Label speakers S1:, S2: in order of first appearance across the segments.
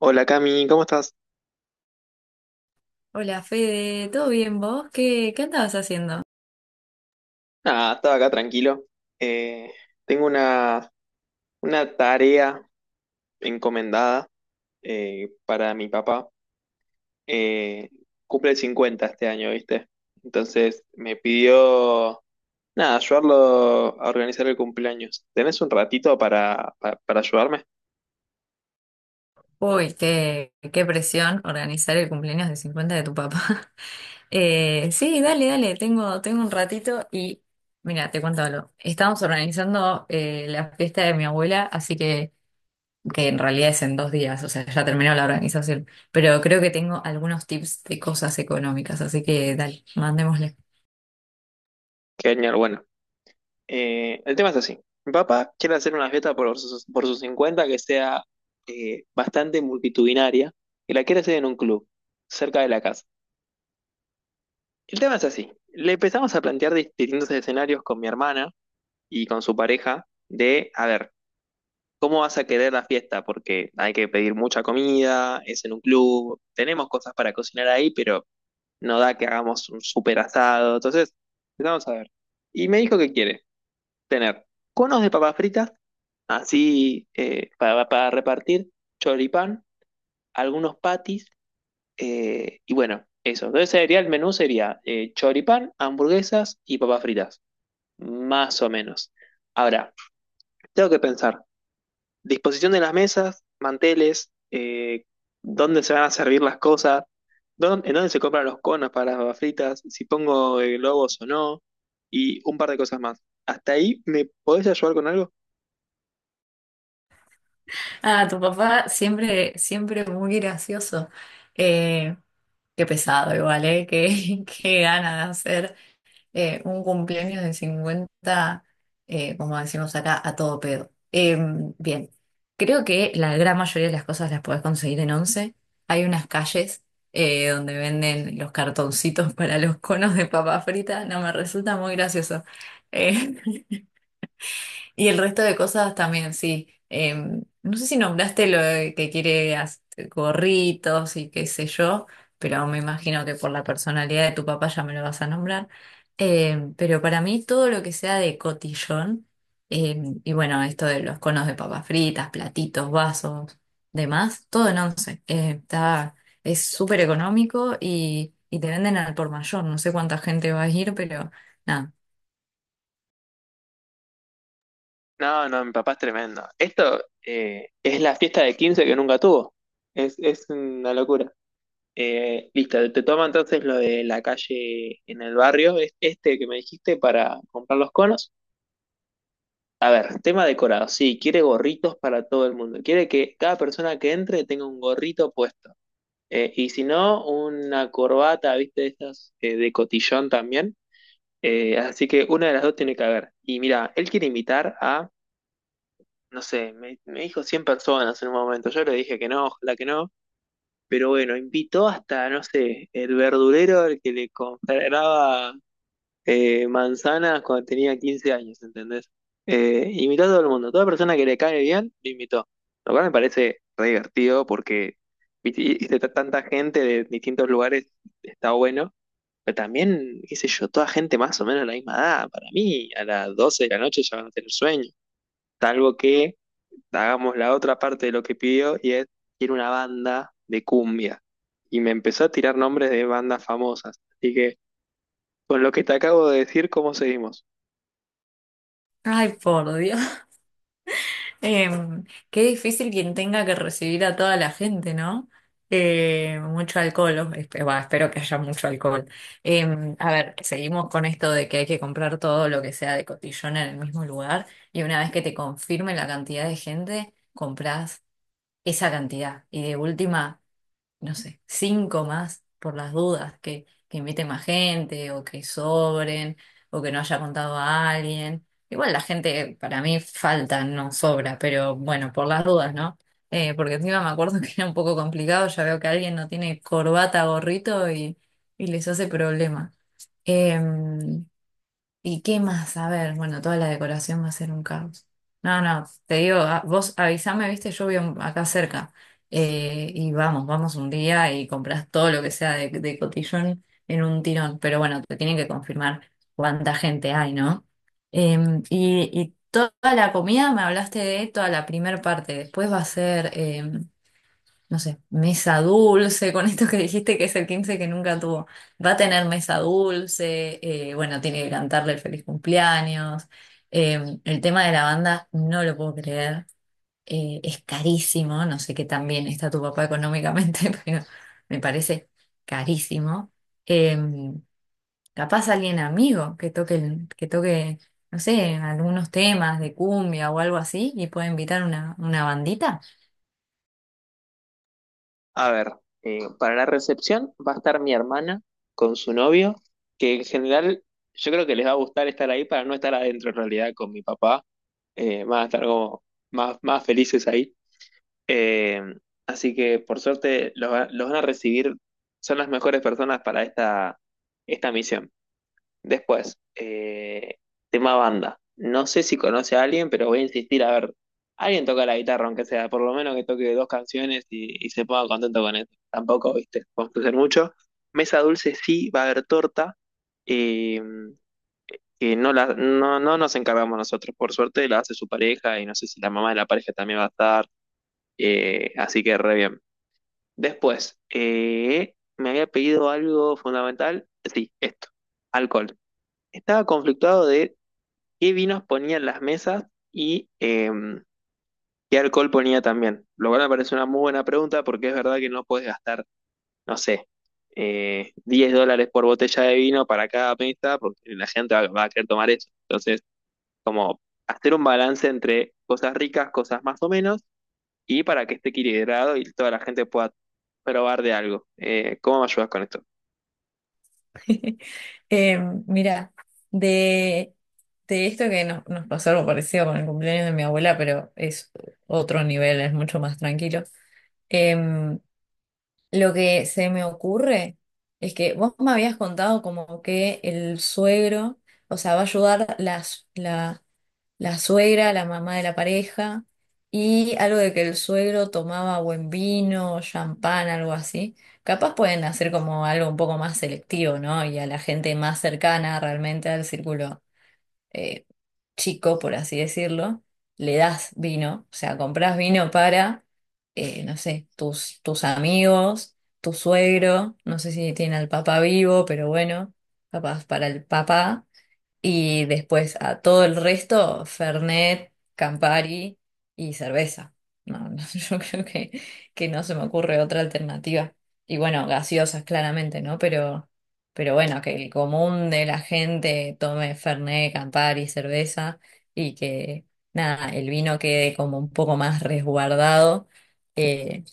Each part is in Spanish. S1: Hola Cami, ¿cómo estás?
S2: Hola Fede, ¿todo bien vos? ¿¿Qué andabas haciendo?
S1: Nada, estaba acá tranquilo. Eh, tengo una tarea encomendada para mi papá. Eh, cumple 50 este año, ¿viste? Entonces me pidió, nada, ayudarlo a organizar el cumpleaños. ¿Tenés un ratito para ayudarme?
S2: Uy, qué presión organizar el cumpleaños de 50 de tu papá. Sí, dale, tengo un ratito y mira, te cuento algo. Estamos organizando la fiesta de mi abuela, así que en realidad es en dos días, o sea, ya terminó la organización, pero creo que tengo algunos tips de cosas económicas, así que dale, mandémosle.
S1: Genial, bueno. El tema es así. Mi papá quiere hacer una fiesta por sus 50 que sea bastante multitudinaria y la quiere hacer en un club, cerca de la casa. El tema es así. Le empezamos a plantear distintos escenarios con mi hermana y con su pareja de, a ver, ¿cómo vas a querer la fiesta? Porque hay que pedir mucha comida, es en un club, tenemos cosas para cocinar ahí, pero no da que hagamos un super asado. Entonces, empezamos a ver. Y me dijo que quiere tener conos de papas fritas, así para repartir, choripán, algunos patis, y bueno, eso. Entonces sería el menú, sería choripán, hamburguesas y papas fritas, más o menos. Ahora, tengo que pensar, disposición de las mesas, manteles, dónde se van a servir las cosas, en dónde se compran los conos para las papas fritas, si pongo globos o no, y un par de cosas más. ¿Hasta ahí me podés ayudar con algo?
S2: Ah, tu papá siempre muy gracioso. Eh, Qué pesado igual, ¿eh? Qué, qué gana de hacer un cumpleaños de 50, como decimos acá, a todo pedo. Bien, creo que la gran mayoría de las cosas las podés conseguir en Once. Hay unas calles donde venden los cartoncitos para los conos de papa frita. No me resulta muy gracioso. Eh, y el resto de cosas también, sí. No sé si nombraste lo de que quiere gorritos y qué sé yo, pero me imagino que por la personalidad de tu papá ya me lo vas a nombrar. Pero para mí todo lo que sea de cotillón, y bueno, esto de los conos de papas fritas, platitos, vasos, demás, todo en once. Está, es súper económico y te venden al por mayor. No sé cuánta gente va a ir, pero nada.
S1: No, no, mi papá es tremendo. Esto es la fiesta de 15 que nunca tuvo. Es una locura. Listo, te toma entonces lo de la calle en el barrio, es este que me dijiste para comprar los conos. Tema decorado, sí, quiere gorritos para todo el mundo. Quiere que cada persona que entre tenga un gorrito puesto. Y si no, una corbata, viste, de estas de cotillón también. Así que una de las dos tiene que haber. Y mira, él quiere invitar a no sé, me dijo 100 personas en un momento. Yo le dije que no, ojalá que no. Pero bueno, invitó hasta, no sé, el verdulero al que le compraba manzanas cuando tenía 15 años, ¿entendés? Invitó a todo el mundo. Toda persona que le cae bien, lo invitó. Lo cual me parece re divertido porque viste, tanta gente de distintos lugares está bueno. Pero también, qué sé yo, toda gente más o menos de la misma edad. Para mí, a las 12 de la noche ya van a tener sueño. Salvo que hagamos la otra parte de lo que pidió y es, quiero una banda de cumbia. Y me empezó a tirar nombres de bandas famosas. Así que con lo que te acabo de decir, ¿cómo seguimos?
S2: Ay, por Dios. Em, Qué difícil quien tenga que recibir a toda la gente, ¿no? Mucho alcohol, bah, espero que haya mucho alcohol. A ver, seguimos con esto de que hay que comprar todo lo que sea de cotillón en el mismo lugar y una vez que te confirme la cantidad de gente, compras esa cantidad. Y de última no sé, cinco más por las dudas, que invite más gente o que sobren o que no haya contado a alguien. Igual la gente para mí falta, no sobra, pero bueno, por las dudas, ¿no? Porque encima me acuerdo que era un poco complicado, ya veo que alguien no tiene corbata, gorrito y les hace problema. Eh, ¿Y qué más? A ver, bueno, toda la decoración va a ser un caos. No, no, te digo, vos avísame, viste, yo vivo acá cerca. Y vamos, vamos un día y compras todo lo que sea de cotillón en un tirón. Pero bueno, te tienen que confirmar cuánta gente hay, ¿no? Y, y toda la comida, me hablaste de toda la primer parte. Después va a ser. No sé, mesa dulce, con esto que dijiste que es el 15 que nunca tuvo. Va a tener mesa dulce, bueno, tiene que cantarle el feliz cumpleaños. El tema de la banda, no lo puedo creer. Es carísimo, no sé qué tan bien está tu papá económicamente, pero me parece carísimo. Eh, Capaz alguien amigo que toque, que toque, no sé, algunos temas de cumbia o algo así y puede invitar una bandita.
S1: A ver, para la recepción va a estar mi hermana con su novio, que en general yo creo que les va a gustar estar ahí para no estar adentro en realidad con mi papá. Van a estar como más felices ahí. Eh, así que por suerte los van a recibir, son las mejores personas para esta misión. Después, tema banda. No sé si conoce a alguien, pero voy a insistir a ver. Alguien toca la guitarra, aunque sea, por lo menos que toque dos canciones y se ponga contento con eso. Tampoco, viste, construir mucho. Mesa dulce sí, va a haber torta, eh, que no, no nos encargamos nosotros. Por suerte la hace su pareja y no sé si la mamá de la pareja también va a estar. Así que re bien. Después, me había pedido algo fundamental. Sí, esto, alcohol. Estaba conflictuado de qué vinos ponía en las mesas y qué alcohol ponía también. Lo cual me parece una muy buena pregunta porque es verdad que no puedes gastar, no sé, 10 USD por botella de vino para cada mesa porque la gente va a querer tomar eso. Entonces, como hacer un balance entre cosas ricas, cosas más o menos, y para que esté equilibrado y toda la gente pueda probar de algo. ¿Cómo me ayudas con esto?
S2: Eh, Mira, de, de esto que nos pasó algo parecido con el cumpleaños de mi abuela, pero es otro nivel, es mucho más tranquilo. Em, lo que se me ocurre es que vos me habías contado como que el suegro, o sea, va a ayudar las, la suegra, la mamá de la pareja, y algo de que el suegro tomaba buen vino, champán, algo así. Capaz pueden hacer como algo un poco más selectivo, ¿no? Y a la gente más cercana realmente al círculo eh, chico, por así decirlo, le das vino, o sea, compras vino para, no sé, tus amigos, tu suegro, no sé si tiene al papá vivo, pero bueno, capaz para el papá. Y después a todo el resto, Fernet, Campari y cerveza. No, no, yo creo que no se me ocurre otra alternativa. Y bueno, gaseosas claramente, ¿no? Pero bueno, que el común de la gente tome Fernet, Campari, cerveza y que nada, el vino quede como un poco más resguardado. eh,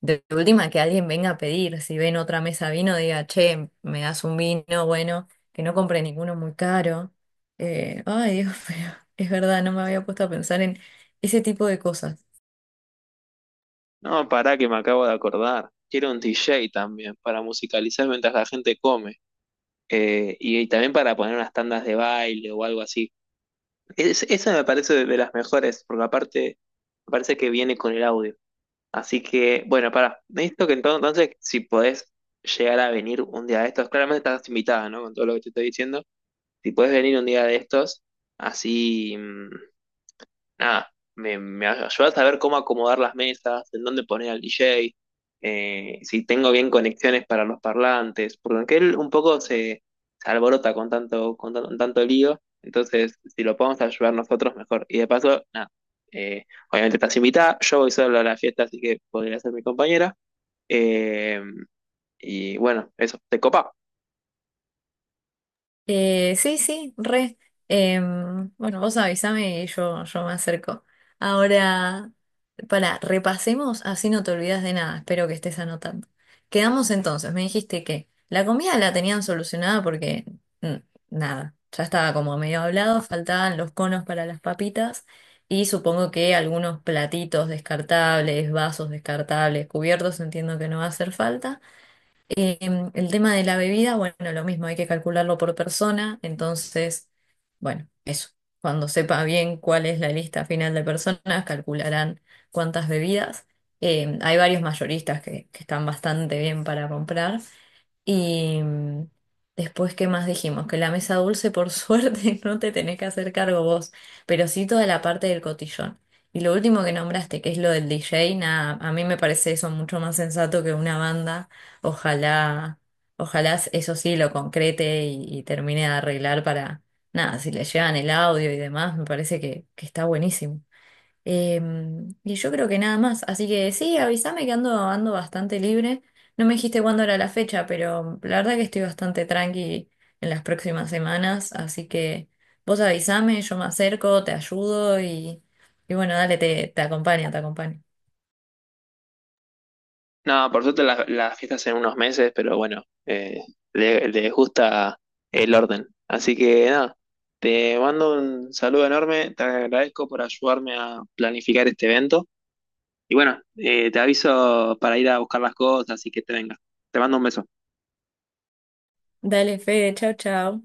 S2: de última que alguien venga a pedir, si ven otra mesa vino, diga, che, me das un vino, bueno, que no compre ninguno muy caro. Ay, Dios, pero es verdad, no me había puesto a pensar en ese tipo de cosas.
S1: No, pará que me acabo de acordar. Quiero un DJ también para musicalizar mientras la gente come. Y también para poner unas tandas de baile o algo así. Esa me parece de las mejores, porque aparte me parece que viene con el audio. Así que, bueno, necesito que entonces, si podés llegar a venir un día de estos, claramente estás invitada, ¿no? Con todo lo que te estoy diciendo, si podés venir un día de estos, así... mm, nada, me ayudas a saber cómo acomodar las mesas, en dónde poner al DJ, si tengo bien conexiones para los parlantes, porque él un poco se alborota con tanto, tanto lío, entonces si lo podemos ayudar nosotros mejor. Y de paso, nada, eh, obviamente estás invitada, yo voy solo a la fiesta, así que podría ser mi compañera. eh, y bueno, eso, te copa.
S2: Sí, sí, re. Bueno, vos avísame y yo me acerco. Ahora, para, repasemos, así no te olvidas de nada. Espero que estés anotando. Quedamos entonces, me dijiste que la comida la tenían solucionada porque mm, nada, ya estaba como medio hablado, faltaban los conos para las papitas y supongo que algunos platitos descartables, vasos descartables, cubiertos, entiendo que no va a hacer falta. El tema de la bebida, bueno, lo mismo, hay que calcularlo por persona, entonces, bueno, eso. Cuando sepa bien cuál es la lista final de personas, calcularán cuántas bebidas. Hay varios mayoristas que están bastante bien para comprar. Y mm, después, ¿qué más dijimos? Que la mesa dulce, por suerte, no te tenés que hacer cargo vos, pero sí toda la parte del cotillón. Y lo último que nombraste, que es lo del DJ, nada, a mí me parece eso mucho más sensato que una banda. Ojalá, ojalá eso sí lo concrete y termine de arreglar para, nada, si le llegan el audio y demás, me parece que está buenísimo. Eh, y yo creo que nada más, así que sí, avísame que ando, ando bastante libre. No me dijiste cuándo era la fecha, pero la verdad que estoy bastante tranqui en las próximas semanas, así que vos avísame, yo me acerco, te ayudo y bueno, dale, te acompaño, te acompaño.
S1: No, por suerte las fiestas en unos meses, pero bueno, les gusta el orden. Así que nada, te mando un saludo enorme, te agradezco por ayudarme a planificar este evento. Y bueno, te aviso para ir a buscar las cosas y que te venga. Te mando un beso.
S2: Dale, Fede, chau, chau.